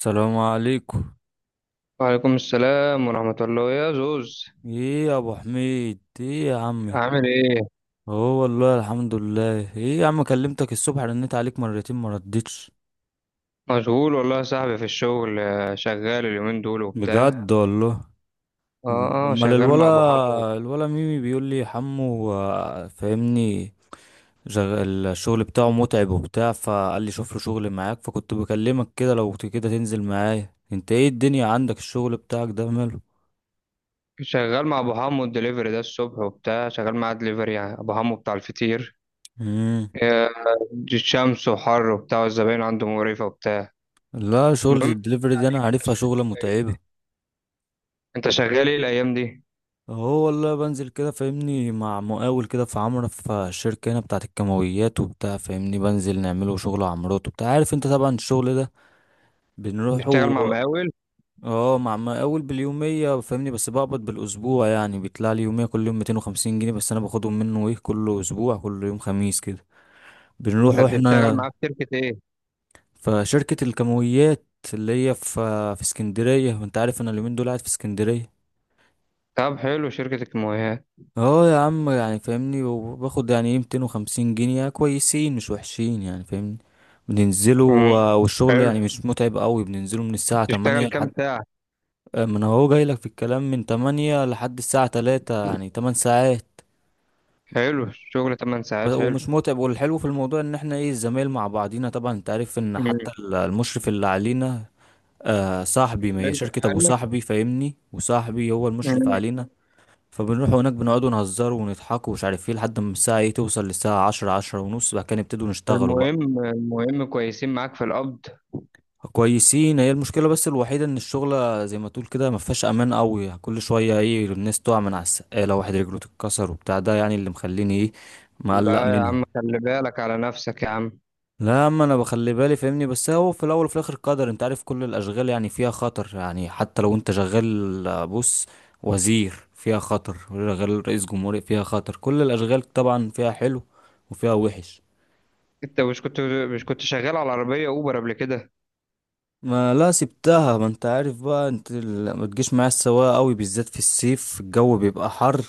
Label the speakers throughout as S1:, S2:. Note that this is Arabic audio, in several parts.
S1: السلام عليكم.
S2: وعليكم السلام ورحمة الله يا زوز.
S1: ايه يا ابو حميد، ايه يا عمي؟
S2: عامل ايه؟
S1: هو والله الحمد لله. ايه يا عم، كلمتك الصبح، رنيت عليك مرتين ما ردتش.
S2: مشغول والله يا صاحبي في الشغل، شغال اليومين دول وبتاع.
S1: بجد والله.
S2: اه، اه،
S1: امال
S2: شغال مع
S1: الولا؟
S2: ابو حمو.
S1: الولا ميمي بيقول لي حمو فاهمني. الشغل بتاعه متعب وبتاع، فقال لي شوف له شغل معاك. فكنت بكلمك كده، لو كده تنزل معايا. انت ايه الدنيا عندك؟ الشغل بتاعك ده ماله؟
S2: شغال مع ابو حمو الدليفري ده الصبح وبتاع، شغال معاه دليفري، يعني ابو حمو بتاع الفطير.
S1: امم
S2: آه. شمس وحر وبتاع، والزباين عنده مقرفة وبتاع.
S1: لا، شغلة
S2: المهم،
S1: الدليفري دي انا
S2: عليك، انت
S1: عارفها
S2: شغال
S1: شغلة
S2: ايه الايام دي؟
S1: متعبة.
S2: انت شغال ايه الايام دي؟
S1: هو والله بنزل كده فاهمني مع مقاول كده في عمرة في الشركة هنا بتاعة الكيماويات وبتاع، فاهمني بنزل نعمله شغل عمارات وبتاع، عارف انت طبعا الشغل ده بنروحه.
S2: بتشتغل مع مقاول؟
S1: اه، مع مقاول باليومية فاهمني، بس بقبض بالأسبوع. يعني بيطلع لي يومية كل يوم 250 جنيه، بس أنا باخدهم منه ايه، كل أسبوع كل يوم خميس كده بنروح
S2: ده بتشتغل
S1: احنا.
S2: معاه في شركة ايه؟
S1: في شركة الكيماويات اللي هي في، في اسكندرية. وانت عارف انا اليومين دول قاعد في اسكندرية.
S2: طب حلو، شركة الكيماويات.
S1: اه يا عم يعني فاهمني، وباخد يعني ايه 250 جنيه كويسين، مش وحشين يعني فاهمني. بننزلوا
S2: مم.
S1: والشغل
S2: حلو.
S1: يعني مش متعب قوي، بننزله من الساعة
S2: بتشتغل
S1: 8
S2: كام
S1: لحد،
S2: ساعة؟
S1: ما انا هو جاي لك في الكلام، من 8 لحد الساعة 3، يعني 8 ساعات.
S2: حلو، شغل 8 ساعات، حلو.
S1: ومش متعب. والحلو في الموضوع ان احنا ايه، الزمايل مع بعضينا طبعا. انت عارف ان
S2: مم.
S1: حتى المشرف اللي علينا آه صاحبي، ما هي
S2: اتكلمت
S1: شركة ابو
S2: عنك.
S1: صاحبي فاهمني، وصاحبي هو المشرف
S2: مم.
S1: علينا. فبنروح هناك بنقعد ونهزر ونضحك ومش عارف ايه، لحد ما الساعة ايه توصل للساعة عشرة، عشرة ونص، بعد كده نبتدوا نشتغلوا بقى.
S2: المهم كويسين معاك في القبض.
S1: كويسين، هي المشكلة بس الوحيدة ان الشغلة زي ما تقول كده ما فيهاش امان قوي. كل شوية ايه، الناس تقع من على السقالة، واحد رجله تتكسر وبتاع، ده يعني اللي مخليني ايه مقلق
S2: لا يا عم،
S1: منها.
S2: خلي بالك على نفسك يا عم.
S1: لا يا عم انا بخلي بالي فاهمني، بس هو في الاول وفي الاخر قدر، انت عارف كل الاشغال يعني فيها خطر. يعني حتى لو انت شغال بص، وزير فيها خطر، شغال رئيس جمهورية فيها خطر، كل الاشغال طبعا فيها حلو وفيها وحش.
S2: انت مش كنت شغال على عربية اوبر قبل كده؟
S1: ما لا، سبتها. ما انت عارف بقى انت ما تجيش معايا السواقة قوي، بالذات في الصيف الجو بيبقى حر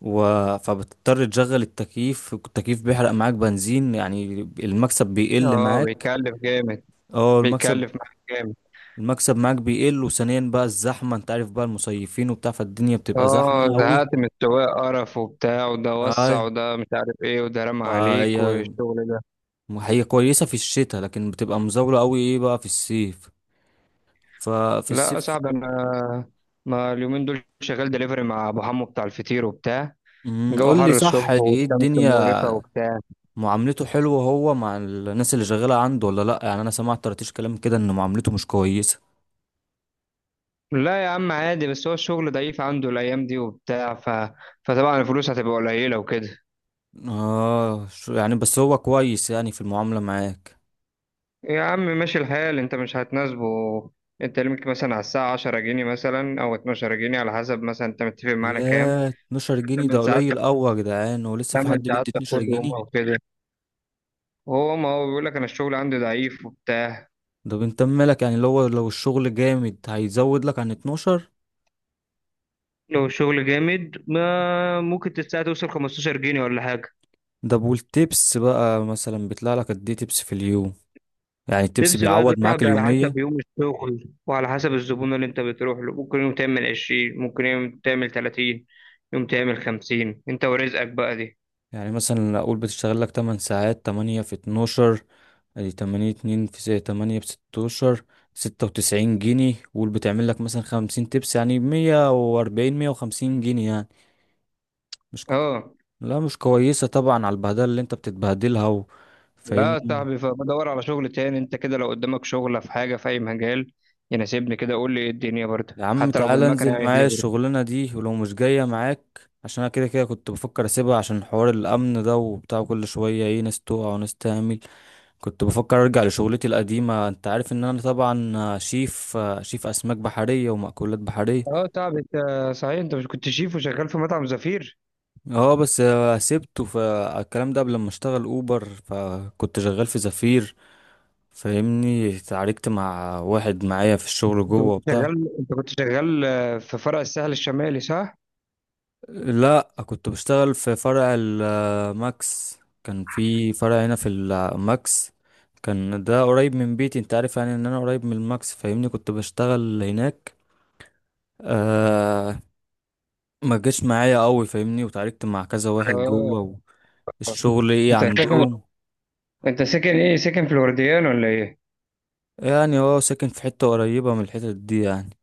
S1: و... فبتضطر تشغل التكييف، التكييف بيحرق معاك بنزين يعني، المكسب بيقل
S2: اه،
S1: معاك.
S2: بيكلف جامد.
S1: اه المكسب،
S2: بيكلف معاك جامد.
S1: المكسب معاك بيقل. وثانيا بقى الزحمة، انت عارف بقى المصيفين وبتاع، فالدنيا بتبقى
S2: اه،
S1: زحمة قوي.
S2: زهقت من السواق، قرف وبتاع، وده وسع،
S1: اي.
S2: وده مش عارف ايه، وده رمى عليك،
S1: فهي
S2: والشغل ده.
S1: هي كويسة في الشتاء، لكن بتبقى مزاولة قوي ايه بقى في الصيف. ففي
S2: لا يا
S1: الصيف
S2: صاحبي انا، ما اليومين دول شغال دليفري مع ابو حمو بتاع الفطير وبتاع. جو
S1: قول لي
S2: حر
S1: صح،
S2: الصبح،
S1: ايه
S2: والشمس
S1: الدنيا؟
S2: مقرفة وبتاع.
S1: معاملته حلوة هو مع الناس اللي شغالة عنده ولا لا؟ يعني انا سمعت ترتيش كلام كده ان معاملته مش كويسة.
S2: لا يا عم، عادي، بس هو الشغل ضعيف عنده الأيام دي وبتاع، فطبعا الفلوس هتبقى قليلة وكده.
S1: اه يعني بس هو كويس يعني في المعاملة معاك؟
S2: يا عم ماشي الحال، أنت مش هتناسبه. أنت ليك مثلا على الساعة 10 جنيه، مثلا، أو 12 جنيه على حسب، مثلا أنت متفق معاه على كام؟
S1: ياه، 12 جنيه ده
S2: 8 ساعات،
S1: قليل قوي يا جدعان، ولسه في
S2: 8
S1: حد
S2: ساعات
S1: بيدي 12
S2: تاخدهم
S1: جنيه
S2: أو كده. هو، ما هو بيقول لك أنا الشغل عندي ضعيف وبتاع.
S1: ده بنت مالك، يعني لو الشغل جامد هيزود لك عن 12.
S2: لو الشغل جامد، ما ممكن الساعة توصل 15 جنيه ولا حاجة.
S1: ده والتبس بقى مثلا بيطلع لك قد ايه تبس في اليوم؟ يعني التبس
S2: تبسي بقى ده
S1: بيعوض
S2: صعب،
S1: معاك
S2: على
S1: اليومية.
S2: حسب يوم الشغل وعلى حسب الزبون اللي انت بتروح له. ممكن يوم تعمل 20، ممكن يوم تعمل 30، يوم تعمل 50. انت ورزقك بقى دي.
S1: يعني مثلا اقول بتشتغل لك 8 ساعات، 8 في 12، ادي 8، 2 في 8 ب 16، 96 جنيه. قول بتعمل لك مثلا 50 تبس، يعني 140، 150 جنيه يعني. مش كو...
S2: اه.
S1: لا، مش كويسة طبعا على البهدلة اللي انت بتتبهدلها
S2: لا يا
S1: فاهمني.
S2: صاحبي، فبدور على شغل تاني. انت كده لو قدامك شغلة في حاجة في اي مجال يناسبني كده قول لي، ايه الدنيا برضه،
S1: يا عم
S2: حتى لو
S1: تعالى
S2: بالمكنة
S1: انزل
S2: يعني
S1: معايا
S2: دليفري.
S1: الشغلانة دي، ولو مش جاية معاك، عشان انا كده كده كنت بفكر اسيبها، عشان حوار الامن ده وبتاع، كل شوية ايه ناس تقع وناس تعمل. كنت بفكر ارجع لشغلتي القديمة، انت عارف ان انا طبعا شيف، شيف اسماك بحرية ومأكولات بحرية.
S2: اه صاحبي، انت، صحيح انت مش كنت شيف وشغال في مطعم زفير؟
S1: اه بس سبته، فالكلام ده قبل ما اشتغل اوبر، فكنت شغال في زفير فاهمني، اتعاركت مع واحد معايا في الشغل جوه وبتاع.
S2: انت كنت شغال في فرع الساحل الشمالي، صح؟
S1: لا كنت بشتغل في فرع الماكس، كان في فرع هنا في الماكس، كان ده قريب من بيتي. انت عارف يعني ان انا قريب من الماكس فاهمني، كنت بشتغل هناك. آه، ما جاش معايا قوي فاهمني، وتعاركت مع كذا واحد
S2: اه.
S1: جوه، والشغل ايه
S2: انت ساكن
S1: عندهم.
S2: انت ساكن ايه؟ ساكن فلورديان ولا ايه؟
S1: يعني هو ساكن في حتة قريبة من الحتت دي يعني،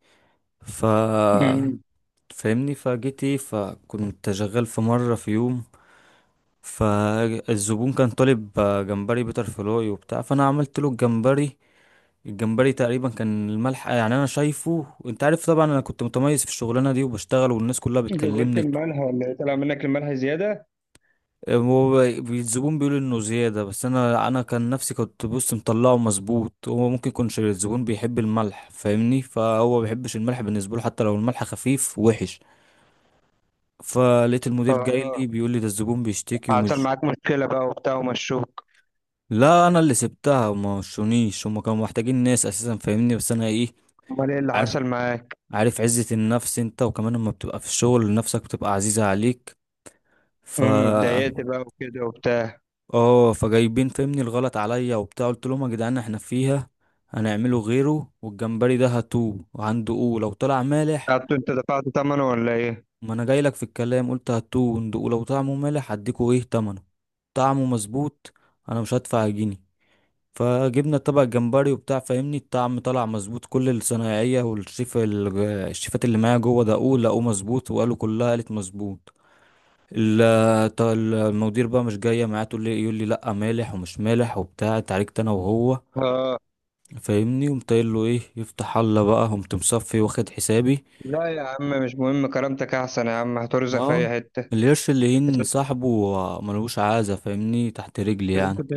S1: ف
S2: امم.
S1: فاهمني، فجيت ايه، فكنت شغال في مرة في يوم، فالزبون كان طالب جمبري بيتر فلوي وبتاع، فانا عملت له الجمبري. الجمبري تقريبا كان الملح يعني انا شايفه، انت عارف طبعا انا كنت متميز في الشغلانه دي، وبشتغل والناس كلها
S2: زودت
S1: بتكلمني.
S2: المنهى ولا ايه؟ طلع منك المنهى زياده.
S1: هو الزبون بيقول انه زياده، بس انا كان نفسي كنت بص مطلعه مظبوط. هو ممكن يكونش الزبون بيحب الملح فاهمني، فهو بيحبش الملح، بالنسبه له حتى لو الملح خفيف وحش. فلقيت المدير جاي لي
S2: اه.
S1: بيقول لي، ده الزبون بيشتكي
S2: حصل
S1: ومش.
S2: معاك مشكله بقى وبتاع، ومشوك.
S1: لا انا اللي سبتها، وما وشونيش، هما كانوا محتاجين ناس اساسا فاهمني، بس انا ايه،
S2: امال ايه اللي
S1: عارف،
S2: حصل معاك؟
S1: عارف عزة النفس انت، وكمان لما بتبقى في الشغل نفسك بتبقى عزيزة عليك. ف
S2: اتضايقت بقى وكده وبتاع.
S1: اه، فجايبين فاهمني الغلط عليا وبتاع، قلت لهم يا جدعان احنا فيها، هنعمله غيره، والجمبري ده هاتوه، وعنده قو لو طلع مالح.
S2: قعدت انت دفعت ثمنه ولا ايه؟
S1: ما انا جاي لك في الكلام، قلت هاتوه وندقوه، لو طعمه مالح هديكوا ايه تمنه، طعمه مظبوط انا مش هدفع جنيه. فجبنا طبق جمبري وبتاع فاهمني، الطعم طلع مظبوط، كل الصنايعية والشيف، الشيفات اللي معايا جوه دقوه، لقوه مظبوط، وقالوا كلها قالت مظبوط. المدير بقى مش جاية معاه، تقول لي إيه؟ يقول لي لا مالح ومش مالح وبتاع، اتعاركت انا وهو
S2: اه.
S1: فاهمني، قمت قايل له ايه، يفتح الله بقى، قمت مصفي واخد حسابي.
S2: لا يا عم مش مهم، كرامتك احسن يا عم، هترزق في اي
S1: اه،
S2: حته.
S1: القرش اللي
S2: انت
S1: هين
S2: مش
S1: صاحبه ملوش عازة فاهمني، تحت رجلي
S2: انت مش
S1: يعني.
S2: كنت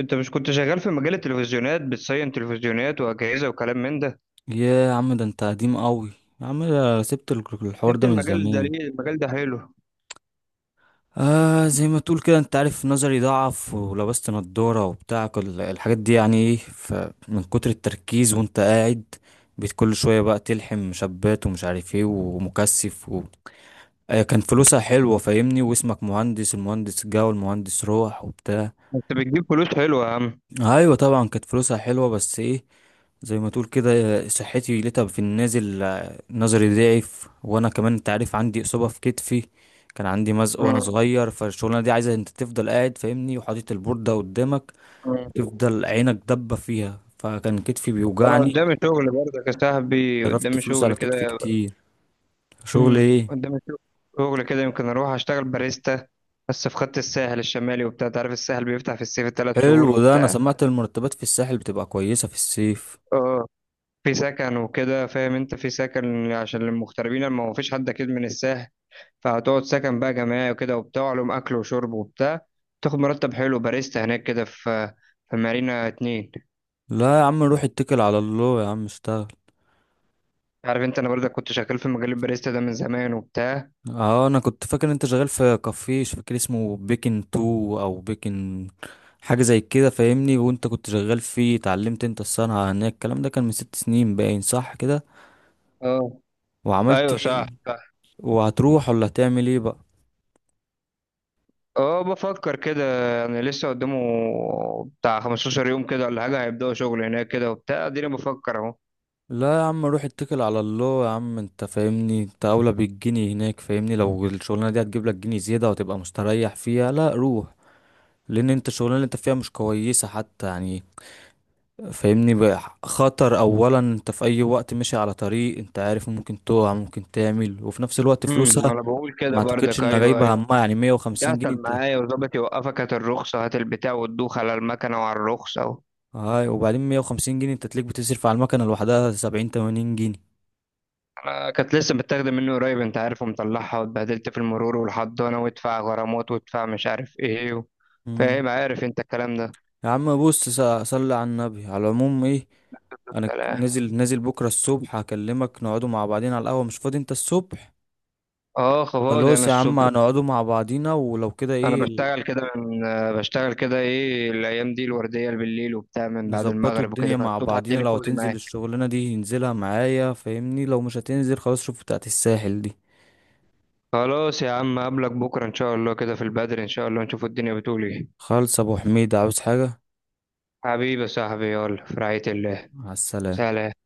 S2: انت مش كنت شغال في مجال التلفزيونات، بتصين تلفزيونات واجهزه وكلام من ده؟
S1: يا عم ده انت قديم قوي، يا عم ده سبت الحوار
S2: سبت
S1: ده من
S2: المجال ده
S1: زمان.
S2: ليه؟ المجال ده حلو.
S1: آه، زي ما تقول كده، انت عارف نظري ضعف، ولبست نضارة وبتاع كل الحاجات دي يعني ايه، فمن كتر التركيز وانت قاعد، بقيت كل شوية بقى تلحم مشبات ومش عارف ايه ومكثف آه كان فلوسها حلوة فاهمني، واسمك مهندس، المهندس جه والمهندس روح وبتاع.
S2: انت بتجيب فلوس حلوه يا عم.
S1: ايوه طبعا كانت فلوسها حلوة، بس ايه، زي ما تقول كده، صحتي لقيتها في النازل. نظري ضعف، وانا كمان انت عارف عندي اصابه في كتفي، كان عندي مزق وانا صغير. فالشغلانه دي عايزه انت تفضل قاعد فاهمني، وحاطط البورده قدامك،
S2: امم.
S1: وتفضل عينك دبه فيها، فكان كتفي
S2: انا
S1: بيوجعني،
S2: قدامي شغل برضك يا صاحبي،
S1: صرفت
S2: قدامي
S1: فلوس
S2: شغل
S1: على كتفي
S2: كده.
S1: كتير. شغل ايه؟
S2: قدامي شغل شغل كده يمكن اروح اشتغل باريستا، بس في خط الساحل الشمالي وبتاع. تعرف الساحل بيفتح في الصيف 3 شهور
S1: حلو، ده انا
S2: وبتاع.
S1: سمعت المرتبات في الساحل بتبقى كويسه في الصيف.
S2: اه، في سكن وكده، فاهم انت، في سكن عشان المغتربين، لما ما هو فيش حد اكيد من الساحل. فهتقعد سكن بقى جماعي وكده وبتاع، لهم اكل وشرب وبتاع. تاخد مرتب حلو باريستا هناك كده، في مارينا 2.
S1: لا يا عم روح اتكل على الله يا عم، اشتغل.
S2: عارف انت، انا برضك كنت شغال في مجال الباريستا ده من زمان وبتاع.
S1: اه، انا كنت فاكر انت شغال في كافيه، مش فاكر اسمه، بيكن تو او بيكن، حاجه زي كده فاهمني، وانت كنت شغال فيه، اتعلمت انت الصنعه هناك، الكلام ده كان من ست سنين باين، صح كده؟
S2: اه،
S1: وعملت
S2: ايوه
S1: ايه؟
S2: صح.
S1: وهتروح ولا هتعمل ايه بقى؟
S2: اه، بفكر كده. يعني لسه قدامه بتاع 15 يوم كده ولا حاجة، هيبدأوا شغل هناك كده وبتاع، اديني بفكر اهو.
S1: لا يا عم روح اتكل على الله يا عم، انت فاهمني انت اولى بالجنيه هناك فاهمني، لو الشغلانه دي هتجيب لك جنيه زياده وتبقى مستريح فيها، لا روح. لان انت الشغلانه اللي انت فيها مش كويسه حتى يعني، فاهمني بقى خطر، اولا انت في اي وقت ماشي على طريق انت عارف ممكن تقع ممكن تعمل، وفي نفس الوقت فلوسها
S2: انا بقول
S1: ما
S2: كده
S1: اعتقدش
S2: برضك،
S1: انها
S2: ايوه،
S1: جايبه
S2: ايوه.
S1: همها، يعني 150 جنيه
S2: يحصل
S1: انت،
S2: معايا وظابط يوقفك، هات الرخصة، هات البتاع، وتدوخ على المكنة وعلى الرخصة و...
S1: هاي، وبعدين 150 جنيه انت تلاقيك بتصرف على المكنه لوحدها 70، 80 جنيه.
S2: انا كانت لسه متاخدة منه قريب انت عارف، ومطلعها، واتبهدلت في المرور والحضانة، وادفع غرامات، وادفع مش عارف ايه
S1: مم.
S2: فاهم، عارف انت الكلام ده؟
S1: يا عم بص، صلي على النبي، على العموم ايه، انا
S2: لا.
S1: نازل، نازل بكره الصبح هكلمك، نقعدوا مع بعضين على القهوه، مش فاضي انت الصبح؟
S2: اه، فاضي انا
S1: خلاص يا عم
S2: الصبح.
S1: هنقعدوا مع بعضينا، ولو كده
S2: انا
S1: ايه
S2: بشتغل كده ايه الايام دي الورديه بالليل وبتاع من بعد
S1: نظبطوا
S2: المغرب وكده،
S1: الدنيا مع
S2: فالصبح
S1: بعضينا،
S2: الدنيا
S1: لو
S2: فاضي
S1: هتنزل
S2: معاك.
S1: الشغلانة دي ينزلها معايا فاهمني، لو مش هتنزل خلاص شوف بتاعت الساحل دي.
S2: خلاص يا عم، قبلك بكره ان شاء الله كده في البدر، ان شاء الله نشوف الدنيا بتقول ايه.
S1: خالص ابو حميد، عاوز حاجة؟
S2: حبيبي يا صاحبي، يلا في رعايه الله.
S1: على السلامة.
S2: سلام.